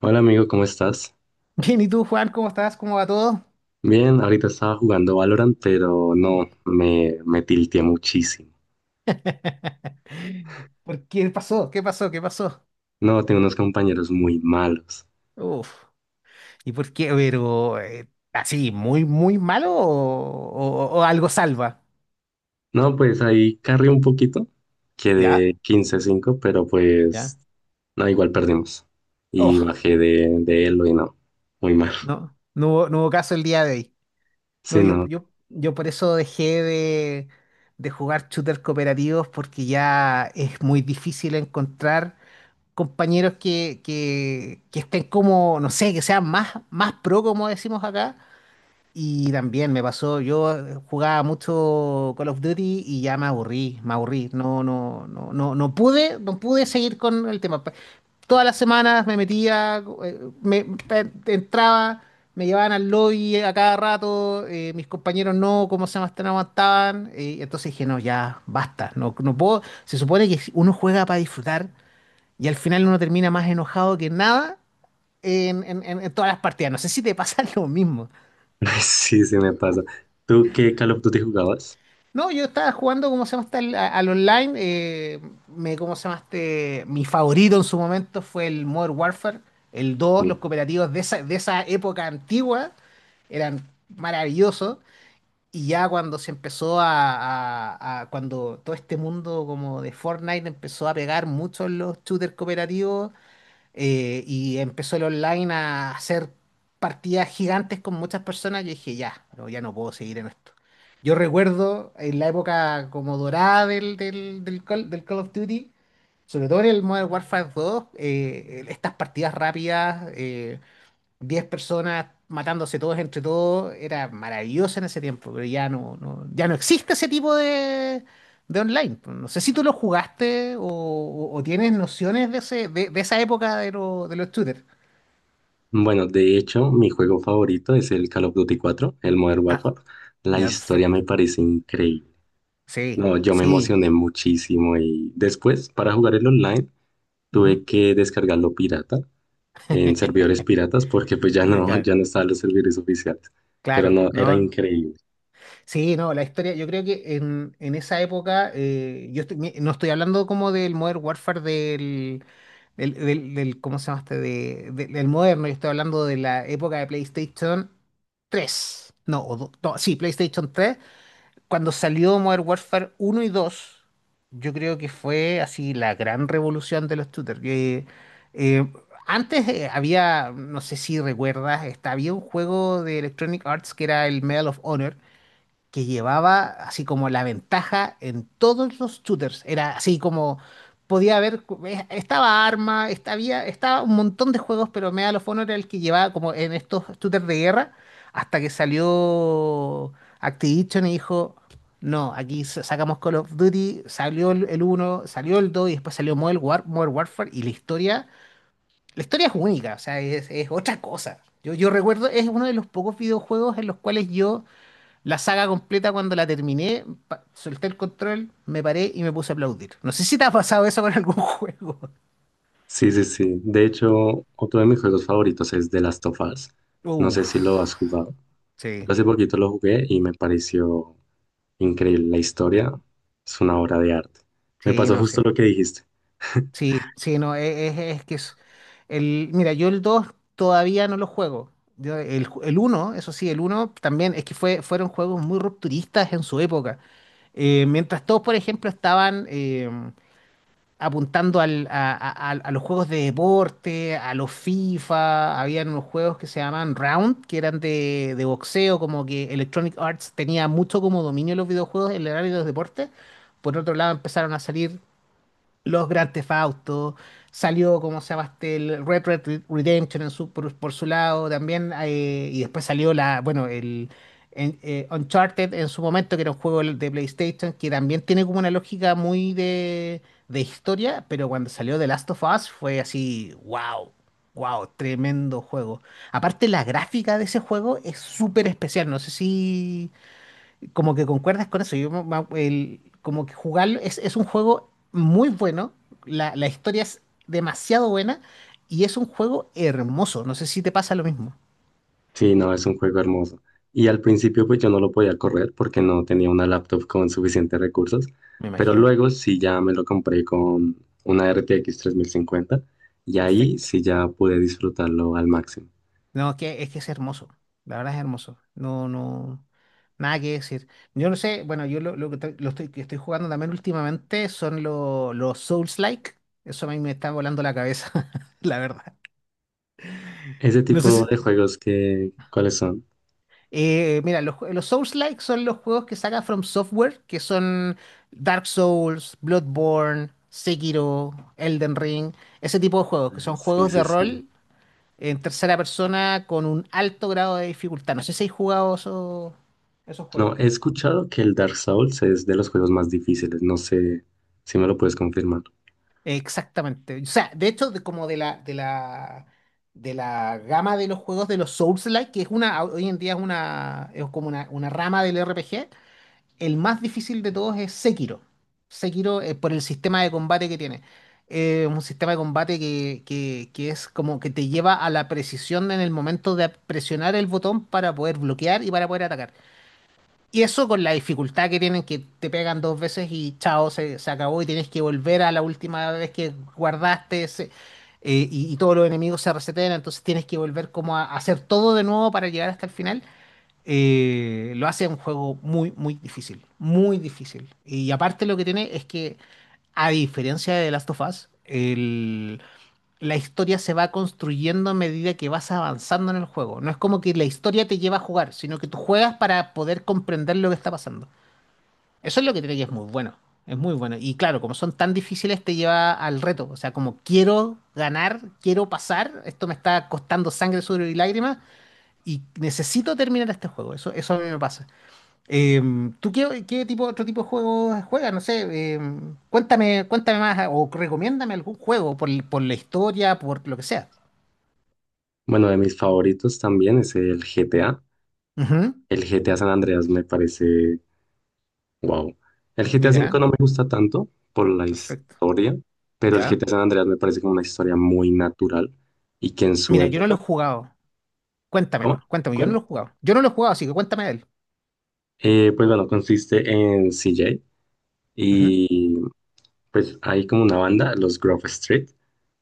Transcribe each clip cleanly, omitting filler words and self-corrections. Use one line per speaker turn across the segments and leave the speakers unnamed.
Hola amigo, ¿cómo estás?
Bien, ¿y tú, Juan? ¿Cómo estás? ¿Cómo va todo?
Bien, ahorita estaba jugando Valorant, pero
Uh.
no, me tilteé muchísimo.
¿Por qué pasó? ¿Qué pasó? ¿Qué pasó?
No, tengo unos compañeros muy malos.
Uf. ¿Y por qué? Pero, así, muy, muy malo o algo salva.
No, pues ahí carré un poquito,
¿Ya?
quedé quince cinco, pero
¿Ya?
pues no, igual perdimos. Y
Oh,
bajé de Elo y no, muy mal.
no, no hubo caso el día de hoy.
Sí,
No, yo,
no,
yo, yo por eso dejé de jugar shooters cooperativos porque ya es muy difícil encontrar compañeros que estén como, no sé, que sean más pro, como decimos acá. Y también me pasó, yo jugaba mucho Call of Duty y ya me aburrí, me aburrí. No, no, no, no, no pude seguir con el tema. Todas las semanas me metía, entraba, me llevaban al lobby a cada rato, mis compañeros no, cómo se llama, no aguantaban. Entonces dije, no, ya, basta, no, no puedo. Se supone que si uno juega para disfrutar y al final uno termina más enojado que nada en todas las partidas. No sé si te pasa lo mismo.
sí, sí me pasa. ¿Tú qué Call of Duty jugabas?
No, yo estaba jugando, ¿cómo se llama? ¿Este? Al online. ¿Cómo se llama? ¿Este? Mi favorito en su momento fue el Modern Warfare, el dos
Mm.
los cooperativos de esa época antigua eran maravillosos. Y ya cuando se empezó cuando todo este mundo como de Fortnite empezó a pegar mucho en los shooters cooperativos, y empezó el online a hacer partidas gigantes con muchas personas, yo dije, ya, no, ya no puedo seguir en esto. Yo recuerdo en la época como dorada del Call of Duty, sobre todo en el Modern Warfare dos estas partidas rápidas. 10 personas matándose todos entre todos, era maravilloso en ese tiempo, pero ya no, ya no existe ese tipo de online. No sé si tú lo jugaste o tienes nociones de esa época de los shooters.
Bueno, de hecho, mi juego favorito es el Call of Duty 4, el Modern
Ah,
Warfare. La
ya,
historia
perfecto.
me parece increíble.
Sí,
No, yo me
sí.
emocioné muchísimo y después para jugar el online
Ujú.
tuve que descargarlo pirata en servidores piratas porque pues ya no,
Claro,
ya no estaban los servidores oficiales, pero
claro,
no, era
¿no?
increíble.
Sí, no, la historia, yo creo que en esa época, no estoy hablando como del Modern Warfare ¿cómo se llama este? Del moderno, yo estoy hablando de la época de PlayStation tres, no, no, sí, PlayStation tres. Cuando salió Modern Warfare uno y 2, yo creo que fue así la gran revolución de los shooters. Que, eh, antes había, no sé si recuerdas, había un juego de Electronic Arts que era el Medal of Honor que llevaba así como la ventaja en todos los shooters. Era así como podía haber, estaba Arma, había, estaba un montón de juegos, pero Medal of Honor era el que llevaba como en estos shooters de guerra, hasta que salió Activision y dijo, no, aquí sacamos Call of Duty, salió el uno, salió el 2 y después salió Modern Warfare y la historia es única, o sea, es otra cosa. Yo recuerdo, es uno de los pocos videojuegos en los cuales yo la saga completa, cuando la terminé, solté el control, me paré y me puse a aplaudir. No sé si te ha pasado eso con algún juego.
Sí, sí, sí. De hecho, otro de mis juegos favoritos es The Last of Us. No sé
Uf,
si lo has jugado. Yo
sí,
hace poquito lo jugué y me pareció increíble. La historia es una obra de arte. Me
sí,
pasó
no
justo
sé.
lo que dijiste.
Sí, sí, no, es que es. Mira, yo el 2 todavía no lo juego. El uno eso sí, el uno también es que fueron juegos muy rupturistas en su época. Mientras todos, por ejemplo, estaban, apuntando a los juegos de deporte, a los FIFA, habían unos juegos que se llamaban Round, que eran de boxeo, como que Electronic Arts tenía mucho como dominio de los videojuegos en el área de los deportes. Por otro lado, empezaron a salir los Grand Theft Auto, salió como se llama este, el Red Redemption en su, por su lado también, y después salió bueno, el Uncharted en su momento, que era un juego de PlayStation, que también tiene como una lógica muy de historia, pero cuando salió The Last of Us fue así, wow. Wow, tremendo juego. Aparte, la gráfica de ese juego es súper especial. No sé si, como que concuerdas con eso. Yo, me- me- el- como que jugarlo es un juego muy bueno, la historia es demasiado buena y es un juego hermoso. No sé si te pasa lo mismo.
Sí, no, es un juego hermoso. Y al principio pues yo no lo podía correr porque no tenía una laptop con suficientes recursos,
Me
pero
imagino.
luego sí ya me lo compré con una RTX 3050 y ahí
Perfecto.
sí ya pude disfrutarlo al máximo.
No, es que es hermoso. La verdad es hermoso. No, no, nada que decir. Yo no sé, bueno, yo lo que, tra- lo estoy, que estoy jugando también últimamente son los Souls-like. Eso a mí me está volando la cabeza, la verdad.
Ese
No sé si,
tipo de juegos que, ¿cuáles son?
Mira, los Souls-like son los juegos que saca From Software, que son Dark Souls, Bloodborne, Sekiro, Elden Ring, ese tipo de juegos, que
Ah,
son
sí,
juegos
sí,
de
sí.
rol en tercera persona con un alto grado de dificultad. No sé si hay jugado esos
No,
juegos.
he escuchado que el Dark Souls es de los juegos más difíciles, no sé si me lo puedes confirmar.
Exactamente. O sea, de hecho, como de la gama de los juegos de los Souls-like, que es una, hoy en día es una, es como una rama del RPG. El más difícil de todos es Sekiro. Sekiro, por el sistema de combate que tiene. Un sistema de combate que es como que te lleva a la precisión en el momento de presionar el botón para poder bloquear y para poder atacar. Y eso con la dificultad que tienen, que te pegan dos veces y chao, se acabó y tienes que volver a la última vez que guardaste ese, y todos los enemigos se resetean, entonces tienes que volver como a hacer todo de nuevo para llegar hasta el final lo hace un juego muy, muy difícil, muy difícil. Y aparte lo que tiene es que, a diferencia de The Last of Us, la historia se va construyendo a medida que vas avanzando en el juego. No es como que la historia te lleva a jugar, sino que tú juegas para poder comprender lo que está pasando. Eso es lo que tiene que es muy bueno. Es muy bueno. Y claro, como son tan difíciles, te lleva al reto. O sea, como quiero ganar, quiero pasar, esto me está costando sangre, sudor y lágrimas, y necesito terminar este juego. Eso a mí me pasa. ¿Tú otro tipo de juegos juegas? No sé, cuéntame más o recomiéndame algún juego por la historia, por lo que sea.
Bueno, de mis favoritos también es el GTA.
Ujú,
El GTA San Andreas me parece, wow. El GTA V
mira,
no me gusta tanto por la
perfecto.
historia, pero el
Ya.
GTA San Andreas me parece como una historia muy natural y que en su
Mira, yo no lo
época,
he jugado.
¿cómo?
Cuéntamelo, cuéntame, yo no lo
¿Cuál?
he jugado. Yo no lo he jugado, así que cuéntame de él.
Pues bueno, consiste en CJ
Ujú,
y pues hay como una banda, los Grove Street,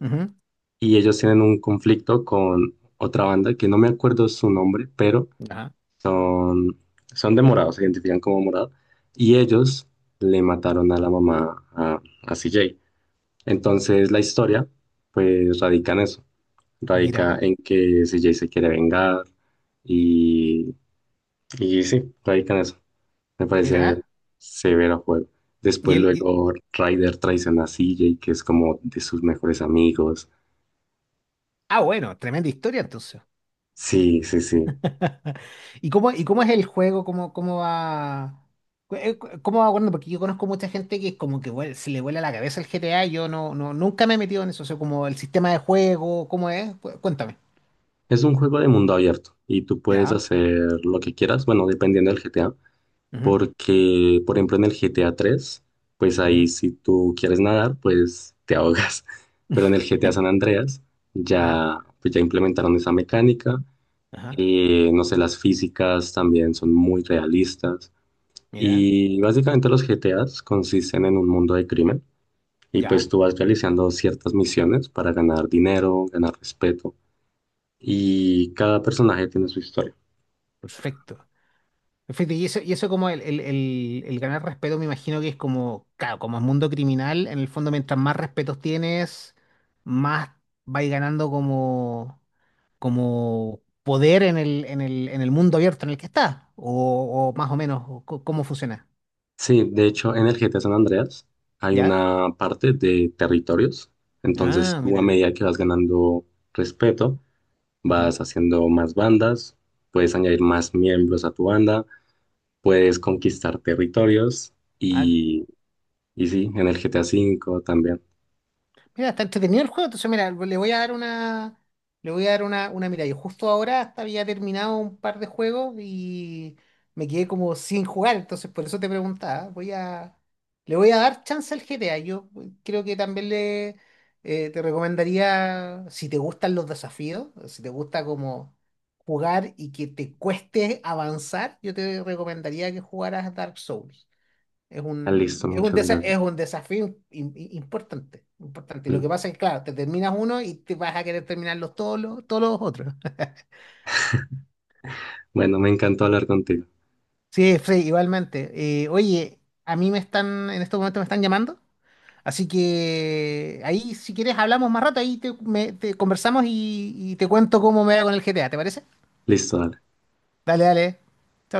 ujú,
y ellos tienen un conflicto con otra banda que no me acuerdo su nombre, pero
ya.
son, son de morado, se identifican como morado, y ellos le mataron a la mamá a CJ. Entonces la historia, pues radica en eso, radica
Mira,
en que CJ se quiere vengar y, y sí, radica en eso. Me parece
mira.
severo juego.
Y
Después
él, y-
luego Ryder traiciona a CJ, que es como de sus mejores amigos.
ah, bueno, tremenda historia entonces.
Sí, sí, sí.
¿Y cómo es el juego? ¿Cómo va? ¿Cómo va bueno? Porque yo conozco mucha gente que es como que se le vuela la cabeza el GTA. Y yo no, no, nunca me he metido en eso. O sea, como el sistema de juego, ¿cómo es? Cuéntame.
Es un juego de mundo abierto y tú puedes
Ya.
hacer lo que quieras, bueno, dependiendo del GTA.
Ujú,
Porque, por ejemplo, en el GTA 3, pues ahí
ujú.
si tú quieres nadar, pues te ahogas. Pero en el GTA San Andreas
Ajá,
ya, pues ya implementaron esa mecánica.
ajá,
No sé, las físicas también son muy realistas.
mira,
Y básicamente los GTAs consisten en un mundo de crimen. Y pues
ya,
tú vas realizando ciertas misiones para ganar dinero, ganar respeto. Y cada personaje tiene su historia.
perfecto. Perfecto, y eso como el ganar respeto, me imagino que es como, claro, como es mundo criminal, en el fondo mientras más respetos tienes, más vais ganando como poder en el mundo abierto en el que está, o más o menos o cómo funciona,
Sí, de hecho, en el GTA San Andreas hay
¿ya?
una parte de territorios. Entonces,
Ah,
tú a
mira.
medida que vas ganando respeto,
Ujú.
vas haciendo más bandas, puedes añadir más miembros a tu banda, puedes conquistar territorios
Ah,
y, y sí, en el GTA 5 también.
mira, está entretenido el juego, entonces mira, le voy a dar una, mirada. Yo justo ahora hasta había terminado un par de juegos y me quedé como sin jugar, entonces por eso te preguntaba. Le voy a dar chance al GTA. Yo creo que también le te recomendaría, si te gustan los desafíos, si te gusta como jugar y que te cueste avanzar, yo te recomendaría que jugaras Dark Souls. Es
Ah,
un,
listo,
es un,
muchas
desa- es
gracias.
un desafío importante, importante. Y lo que pasa es, que, claro, te terminas uno y te vas a querer terminar todos los otros.
Bueno, me encantó hablar contigo.
Sí, Frey, igualmente. Oye, a mí en estos momentos me están llamando, así que ahí si quieres hablamos más rato, ahí te conversamos y te cuento cómo me va con el GTA, ¿te parece?
Listo, dale.
Dale, dale. Chao,